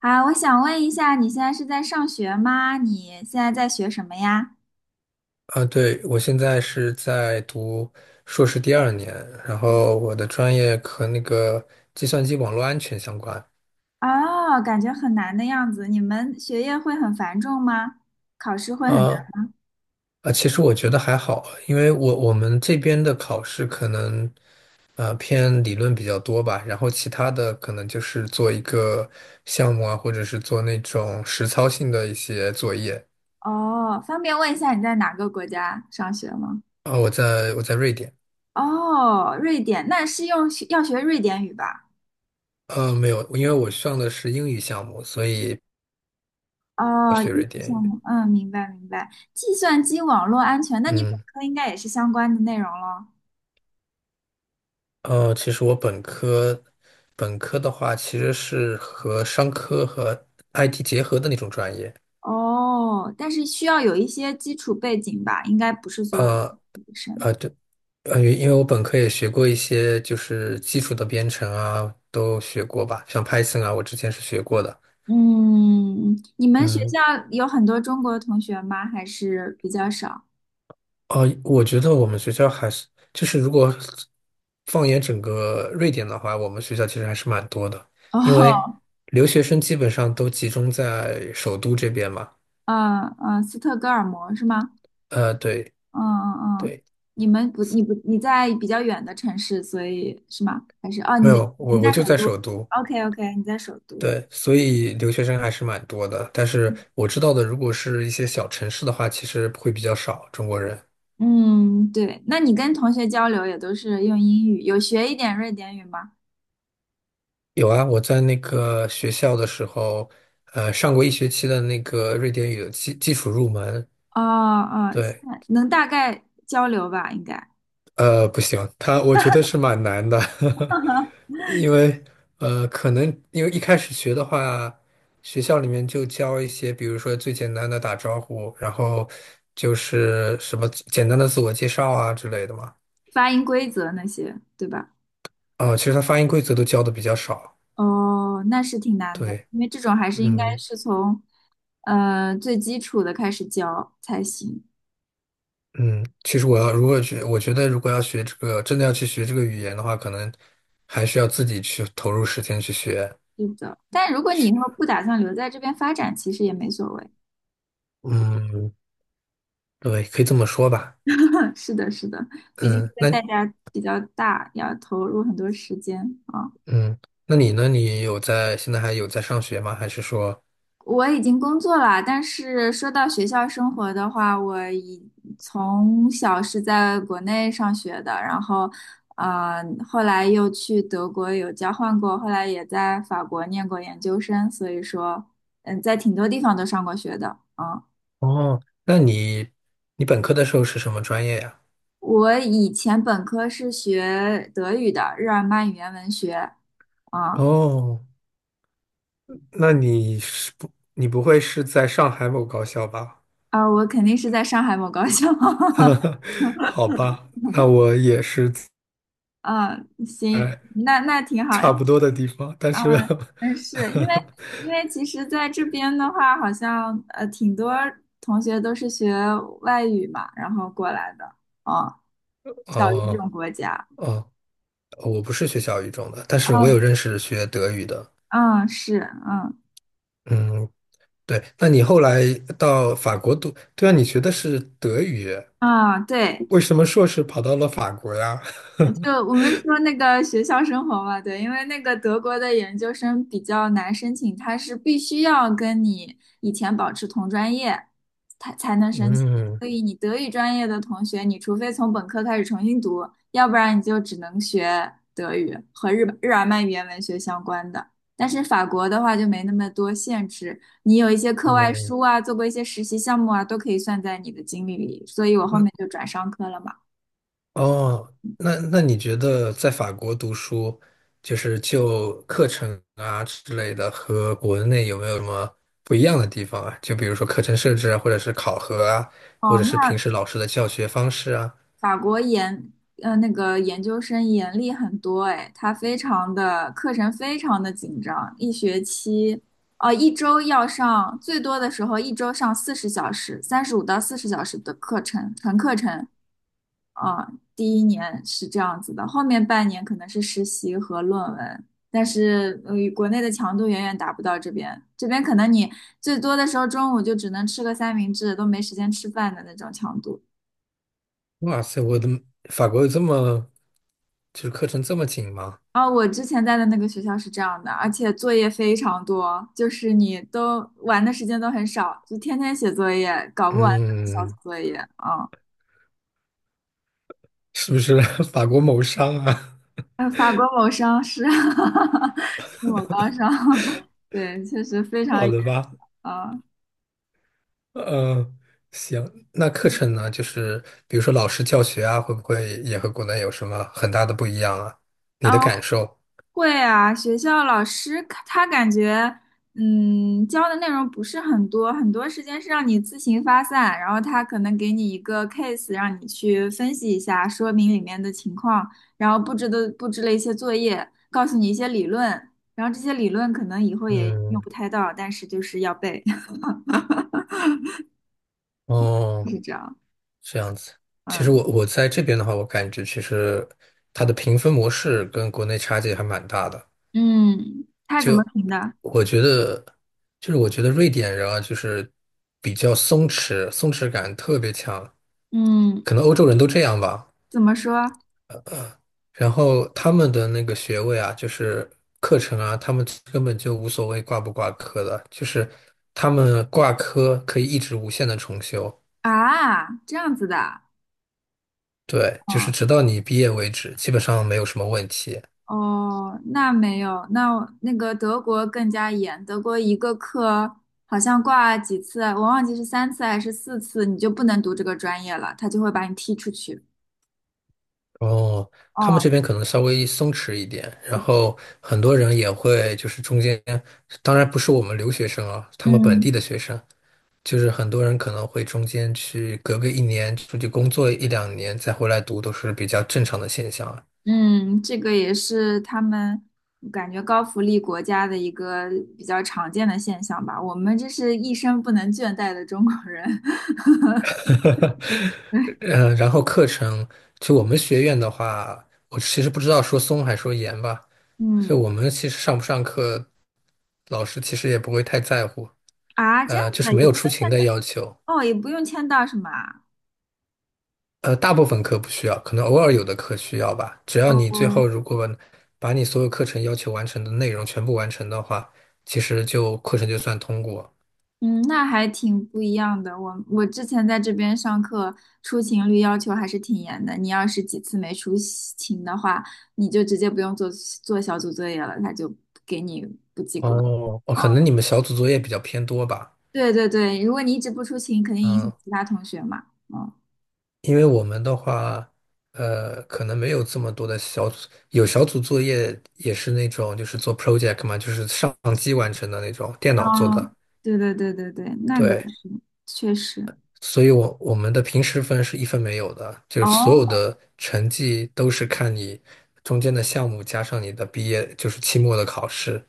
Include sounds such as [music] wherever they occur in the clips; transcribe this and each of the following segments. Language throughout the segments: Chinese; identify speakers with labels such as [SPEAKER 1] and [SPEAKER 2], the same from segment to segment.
[SPEAKER 1] 啊，我想问一下，你现在是在上学吗？你现在在学什么呀？
[SPEAKER 2] 啊，对，我现在是在读硕士第二年，然后我的专业和那个计算机网络安全相关。
[SPEAKER 1] 哦，感觉很难的样子。你们学业会很繁重吗？考试会很
[SPEAKER 2] 啊
[SPEAKER 1] 难？
[SPEAKER 2] 啊，其实我觉得还好，因为我们这边的考试可能偏理论比较多吧，然后其他的可能就是做一个项目啊，或者是做那种实操性的一些作业。
[SPEAKER 1] 哦，方便问一下你在哪个国家上学吗？
[SPEAKER 2] 啊，我在瑞典，
[SPEAKER 1] 哦，瑞典，那是要学瑞典语吧？
[SPEAKER 2] 没有，因为我上的是英语项目，所以。
[SPEAKER 1] 哦，英语项目，嗯，明白明白。计算机网络安全，那你本
[SPEAKER 2] 嗯。
[SPEAKER 1] 科应该也是相关的内容了。
[SPEAKER 2] 其实我本科，本科的话其实是和商科和 IT 结合的那种专业。
[SPEAKER 1] 哦，但是需要有一些基础背景吧，应该不是所有女
[SPEAKER 2] 呃
[SPEAKER 1] 生。
[SPEAKER 2] 对，因为我本科也学过一些就是基础的编程啊，都学过吧，像 Python 啊，我之前是学过的。
[SPEAKER 1] 嗯，你们学
[SPEAKER 2] 嗯，
[SPEAKER 1] 校有很多中国同学吗？还是比较少？
[SPEAKER 2] 哦，我觉得我们学校还是，就是如果放眼整个瑞典的话，我们学校其实还是蛮多的，
[SPEAKER 1] [laughs]
[SPEAKER 2] 因为
[SPEAKER 1] 哦，
[SPEAKER 2] 留学生基本上都集中在首都这边嘛。
[SPEAKER 1] 嗯嗯，斯特哥尔摩是吗？
[SPEAKER 2] 对。
[SPEAKER 1] 嗯嗯嗯，
[SPEAKER 2] 对。
[SPEAKER 1] 你们不，你不，你在比较远的城市，所以是吗？还是哦，
[SPEAKER 2] 没
[SPEAKER 1] 你在
[SPEAKER 2] 有，
[SPEAKER 1] 你
[SPEAKER 2] 我
[SPEAKER 1] 在首
[SPEAKER 2] 就在
[SPEAKER 1] 都
[SPEAKER 2] 首都，
[SPEAKER 1] ？OK OK，你在首都。
[SPEAKER 2] 对，所以留学生还是蛮多的。但是我知道的，如果是一些小城市的话，其实会比较少中国人。
[SPEAKER 1] 嗯，对，那你跟同学交流也都是用英语，有学一点瑞典语吗？
[SPEAKER 2] 有啊，我在那个学校的时候，上过一学期的那个瑞典语的基础入门，
[SPEAKER 1] 哦哦，现
[SPEAKER 2] 对，
[SPEAKER 1] 在能大概交流吧，应该
[SPEAKER 2] 不行，他我觉得是蛮难的，[laughs] 因为可能因为一开始学的话，学校里面就教一些，比如说最简单的打招呼，然后就是什么简单的自我介绍啊之类的嘛。
[SPEAKER 1] 发音规则那些，对吧？
[SPEAKER 2] 啊，其实他发音规则都教的比较少。
[SPEAKER 1] 哦，那是挺难的，
[SPEAKER 2] 对，
[SPEAKER 1] 因为这种还是应该
[SPEAKER 2] 嗯
[SPEAKER 1] 是从最基础的开始教才行。
[SPEAKER 2] 嗯，其实我要如果学，我觉得如果要学这个，真的要去学这个语言的话，可能还是要自己去投入时间去学
[SPEAKER 1] 是的，但如果你以后
[SPEAKER 2] 学。
[SPEAKER 1] 不打算留在这边发展，其实也没所谓。
[SPEAKER 2] 嗯，对，可以这么说吧。
[SPEAKER 1] [laughs] 是的，是的，毕竟
[SPEAKER 2] 嗯，
[SPEAKER 1] 这个
[SPEAKER 2] 那
[SPEAKER 1] 代价比较大，要投入很多时间啊。
[SPEAKER 2] 嗯，那你呢？你有在，现在还有在上学吗？还是说，
[SPEAKER 1] 我已经工作了，但是说到学校生活的话，从小是在国内上学的，然后，后来又去德国有交换过，后来也在法国念过研究生，所以说，嗯，在挺多地方都上过学的。嗯，
[SPEAKER 2] 哦，那你本科的时候是什么专业呀？
[SPEAKER 1] 我以前本科是学德语的，日耳曼语言文学。啊
[SPEAKER 2] 哦，那你不会是在上海某高校吧？
[SPEAKER 1] 啊，我肯定是在上海某高校。[laughs]
[SPEAKER 2] [laughs] 好吧，那我也是
[SPEAKER 1] 嗯，行，
[SPEAKER 2] 在
[SPEAKER 1] 那挺好。
[SPEAKER 2] 差不多的地方，但
[SPEAKER 1] 啊，
[SPEAKER 2] 是 [laughs]
[SPEAKER 1] 嗯，是因为其实在这边的话，好像挺多同学都是学外语嘛，然后过来的，啊，小语
[SPEAKER 2] 哦
[SPEAKER 1] 种国家，
[SPEAKER 2] 哦，我不是学小语种的，但是我
[SPEAKER 1] 哦，
[SPEAKER 2] 有认识学德语的。
[SPEAKER 1] 嗯，是，嗯，
[SPEAKER 2] 嗯，对，那你后来到法国读，对啊，你学的是德语。
[SPEAKER 1] 啊，对，
[SPEAKER 2] 为什么硕士跑到了法国呀？[laughs]
[SPEAKER 1] 就我们说那个学校生活嘛，对，因为那个德国的研究生比较难申请，他是必须要跟你以前保持同专业，才能申请。
[SPEAKER 2] 嗯，
[SPEAKER 1] 所以你德语专业的同学，你除非从本科开始重新读，要不然你就只能学德语和日耳曼语言文学相关的。但是法国的话就没那么多限制，你有一些课外
[SPEAKER 2] 哦，
[SPEAKER 1] 书啊，做过一些实习项目啊，都可以算在你的经历里。所以我后面
[SPEAKER 2] 嗯
[SPEAKER 1] 就转商科了嘛。
[SPEAKER 2] 哦那你觉得在法国读书，就是就课程啊之类的，和国内有没有什么不一样的地方啊？就比如说课程设置啊，或者是考核啊，或
[SPEAKER 1] 哦，
[SPEAKER 2] 者是平
[SPEAKER 1] 那
[SPEAKER 2] 时老师的教学方式啊。
[SPEAKER 1] 法国研呃那个研究生严厉很多，哎，他非常的课程非常的紧张，一学期哦、一周要上最多的时候一周上40小时，35到40小时的课程纯课程啊、第一年是这样子的，后面半年可能是实习和论文。但是，国内的强度远远达不到这边。这边可能你最多的时候中午就只能吃个三明治，都没时间吃饭的那种强度。
[SPEAKER 2] 哇塞，我的法国有这么，就是课程这么紧吗？
[SPEAKER 1] 啊，我之前在的那个学校是这样的，而且作业非常多，就是你都玩的时间都很少，就天天写作业，搞不完的小组
[SPEAKER 2] 嗯，
[SPEAKER 1] 作业啊。
[SPEAKER 2] 是不是 [laughs] 法国谋商啊？
[SPEAKER 1] 法国某商是 [laughs] 是某高商，[laughs] 对，确实非
[SPEAKER 2] [laughs]
[SPEAKER 1] 常
[SPEAKER 2] 好
[SPEAKER 1] 严
[SPEAKER 2] 的吧。
[SPEAKER 1] 啊。
[SPEAKER 2] 嗯，行，那课程呢，就是比如说老师教学啊，会不会也和国内有什么很大的不一样啊？你
[SPEAKER 1] 啊，
[SPEAKER 2] 的感受？
[SPEAKER 1] 会啊，学校老师他感觉，嗯，教的内容不是很多，很多时间是让你自行发散，然后他可能给你一个 case，让你去分析一下，说明里面的情况，然后布置了一些作业，告诉你一些理论，然后这些理论可能以后也用
[SPEAKER 2] 嗯，
[SPEAKER 1] 不太到，但是就是要背，[laughs]
[SPEAKER 2] 哦，
[SPEAKER 1] 是这样，
[SPEAKER 2] 这样子。其实
[SPEAKER 1] 嗯
[SPEAKER 2] 我在这边的话，我感觉其实它的评分模式跟国内差距还蛮大的。
[SPEAKER 1] 嗯，他怎么
[SPEAKER 2] 就
[SPEAKER 1] 评的？
[SPEAKER 2] 我觉得，就是我觉得瑞典人啊，就是比较松弛，松弛感特别强，
[SPEAKER 1] 嗯，
[SPEAKER 2] 可能欧洲人都这样吧。
[SPEAKER 1] 怎么说
[SPEAKER 2] 然后他们的那个学位啊，就是课程啊，他们根本就无所谓挂不挂科的，就是他们挂科可以一直无限的重修，
[SPEAKER 1] 啊？这样子的。
[SPEAKER 2] 对，就是直
[SPEAKER 1] 哦。
[SPEAKER 2] 到你毕业为止，基本上没有什么问题。
[SPEAKER 1] 哦，那没有，那那个德国更加严，德国一个课好像挂几次啊，我忘记是3次还是4次，你就不能读这个专业了，他就会把你踢出去。
[SPEAKER 2] 哦，他们
[SPEAKER 1] 哦，
[SPEAKER 2] 这边可能稍微松弛一点，然后很多人也会就是中间，当然不是我们留学生啊，他们本
[SPEAKER 1] 嗯
[SPEAKER 2] 地的学生，就是很多人可能会中间去隔个一年出去工作一两年再回来读，都是比较正常的现象。啊。
[SPEAKER 1] 嗯，这个也是他们感觉高福利国家的一个比较常见的现象吧。我们这是一生不能倦怠的中国人。[laughs]
[SPEAKER 2] [laughs] 然后课程，就我们学院的话，我其实不知道说松还说严吧，就
[SPEAKER 1] 嗯
[SPEAKER 2] 我们其实上不上课，老师其实也不会太在乎，
[SPEAKER 1] 啊，这样
[SPEAKER 2] 就
[SPEAKER 1] 子啊
[SPEAKER 2] 是
[SPEAKER 1] 也
[SPEAKER 2] 没
[SPEAKER 1] 不
[SPEAKER 2] 有
[SPEAKER 1] 用
[SPEAKER 2] 出勤
[SPEAKER 1] 签
[SPEAKER 2] 的
[SPEAKER 1] 到，
[SPEAKER 2] 要求，
[SPEAKER 1] 哦，也不用签到是吗？
[SPEAKER 2] 大部分课不需要，可能偶尔有的课需要吧，只要你最
[SPEAKER 1] 哦
[SPEAKER 2] 后如果把你所有课程要求完成的内容全部完成的话，其实就课程就算通过。
[SPEAKER 1] 嗯，那还挺不一样的。我之前在这边上课，出勤率要求还是挺严的。你要是几次没出勤的话，你就直接不用做小组作业了，他就给你不及格。
[SPEAKER 2] 哦，哦，可能
[SPEAKER 1] 哦，
[SPEAKER 2] 你们小组作业比较偏多吧，
[SPEAKER 1] 对对对，如果你一直不出勤，肯定影响
[SPEAKER 2] 嗯，
[SPEAKER 1] 其他同学嘛。嗯，
[SPEAKER 2] 因为我们的话，可能没有这么多的小组，有小组作业也是那种就是做 project 嘛，就是上机完成的那种，电脑做
[SPEAKER 1] 哦，
[SPEAKER 2] 的。
[SPEAKER 1] 对对对对对，那个
[SPEAKER 2] 对，
[SPEAKER 1] 确实。
[SPEAKER 2] 所以我们的平时分是一分没有的，就是所有
[SPEAKER 1] 哦，
[SPEAKER 2] 的成绩都是看你中间的项目加上你的毕业，就是期末的考试。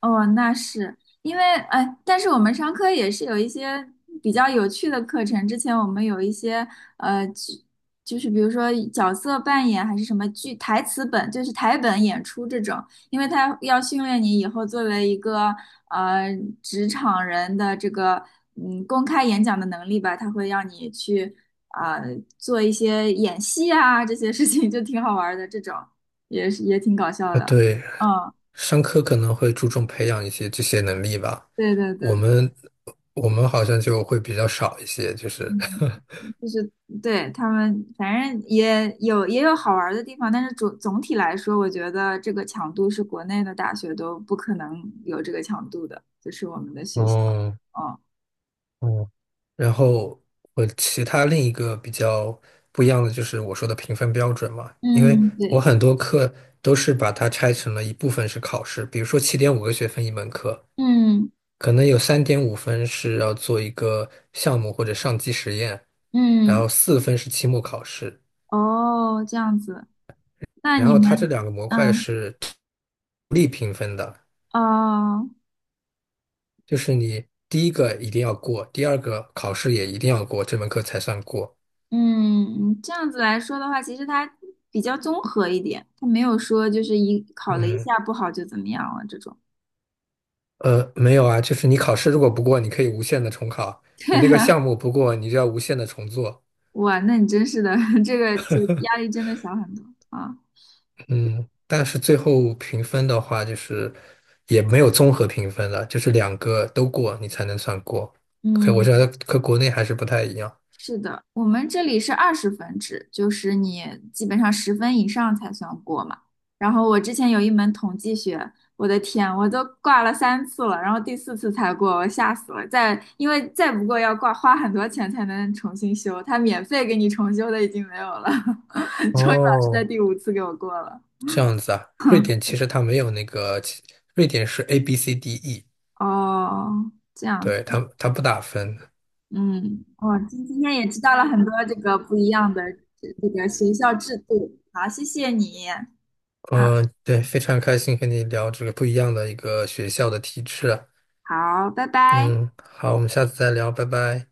[SPEAKER 1] 哦，那是因为哎，但是我们商科也是有一些比较有趣的课程。之前我们有一些呃，就就是比如说角色扮演还是什么剧台词本，就是台本演出这种，因为它要训练你以后作为一个呃职场人的这个嗯公开演讲的能力吧，它会让你去啊、做一些演戏啊这些事情，就挺好玩儿的。这种也是也挺搞笑
[SPEAKER 2] 啊，
[SPEAKER 1] 的。
[SPEAKER 2] 对，
[SPEAKER 1] 嗯，
[SPEAKER 2] 商科可能会注重培养一些这些能力吧，
[SPEAKER 1] 对对
[SPEAKER 2] 我
[SPEAKER 1] 对对，
[SPEAKER 2] 们我们好像就会比较少一些，就是
[SPEAKER 1] 嗯。就是对他们，反正也有好玩儿的地方，但是总体来说，我觉得这个强度是国内的大学都不可能有这个强度的，就是我们的
[SPEAKER 2] [laughs]，
[SPEAKER 1] 学校。
[SPEAKER 2] 哦，
[SPEAKER 1] 哦，
[SPEAKER 2] 嗯，然后我其他另一个比较不一样的就是我说的评分标准嘛，因为
[SPEAKER 1] 嗯，
[SPEAKER 2] 我
[SPEAKER 1] 对，
[SPEAKER 2] 很多课都是把它拆成了一部分是考试，比如说7.5个学分一门课，
[SPEAKER 1] 嗯
[SPEAKER 2] 可能有3.5分是要做一个项目或者上机实验，然
[SPEAKER 1] 嗯，
[SPEAKER 2] 后4分是期末考试，
[SPEAKER 1] 哦，这样子，那
[SPEAKER 2] 然
[SPEAKER 1] 你
[SPEAKER 2] 后它这
[SPEAKER 1] 们，
[SPEAKER 2] 两个模块
[SPEAKER 1] 嗯，
[SPEAKER 2] 是独立评分的，
[SPEAKER 1] 哦，
[SPEAKER 2] 就是你第一个一定要过，第二个考试也一定要过，这门课才算过。
[SPEAKER 1] 嗯，这样子来说的话，其实它比较综合一点，它没有说就是一考了一
[SPEAKER 2] 嗯，
[SPEAKER 1] 下不好就怎么样了这种。
[SPEAKER 2] 没有啊，就是你考试如果不过，你可以无限的重考；
[SPEAKER 1] [laughs]
[SPEAKER 2] 你那个
[SPEAKER 1] 对。
[SPEAKER 2] 项目不过，你就要无限的重做。
[SPEAKER 1] 哇，那你真是的，[laughs] 这个就压力真的小很多啊。
[SPEAKER 2] 嗯，但是最后评分的话，就是也没有综合评分了，就是两个都过，你才能算过。可我觉
[SPEAKER 1] 嗯，
[SPEAKER 2] 得和国内还是不太一样。
[SPEAKER 1] 我们这里是20分制，就是你基本上十分以上才算过嘛。然后我之前有一门统计学，我的天，我都挂了三次了，然后第四次才过，我吓死了。再因为再不过要挂花很多钱才能重新修，他免费给你重修的已经没有了。[laughs] 终于老师
[SPEAKER 2] 哦，
[SPEAKER 1] 在第五次给我过了。
[SPEAKER 2] 这样子啊，瑞典其实它没有那个，瑞典是 A B C D E，
[SPEAKER 1] 哦，这样子。
[SPEAKER 2] 对，它不打分。
[SPEAKER 1] 嗯，我今天也知道了很多这个不一样的这个学校制度。好，谢谢你啊，
[SPEAKER 2] 嗯，对，非常开心和你聊这个不一样的一个学校的体制。
[SPEAKER 1] 好，拜拜。
[SPEAKER 2] 嗯，好，我们下次再聊，拜拜。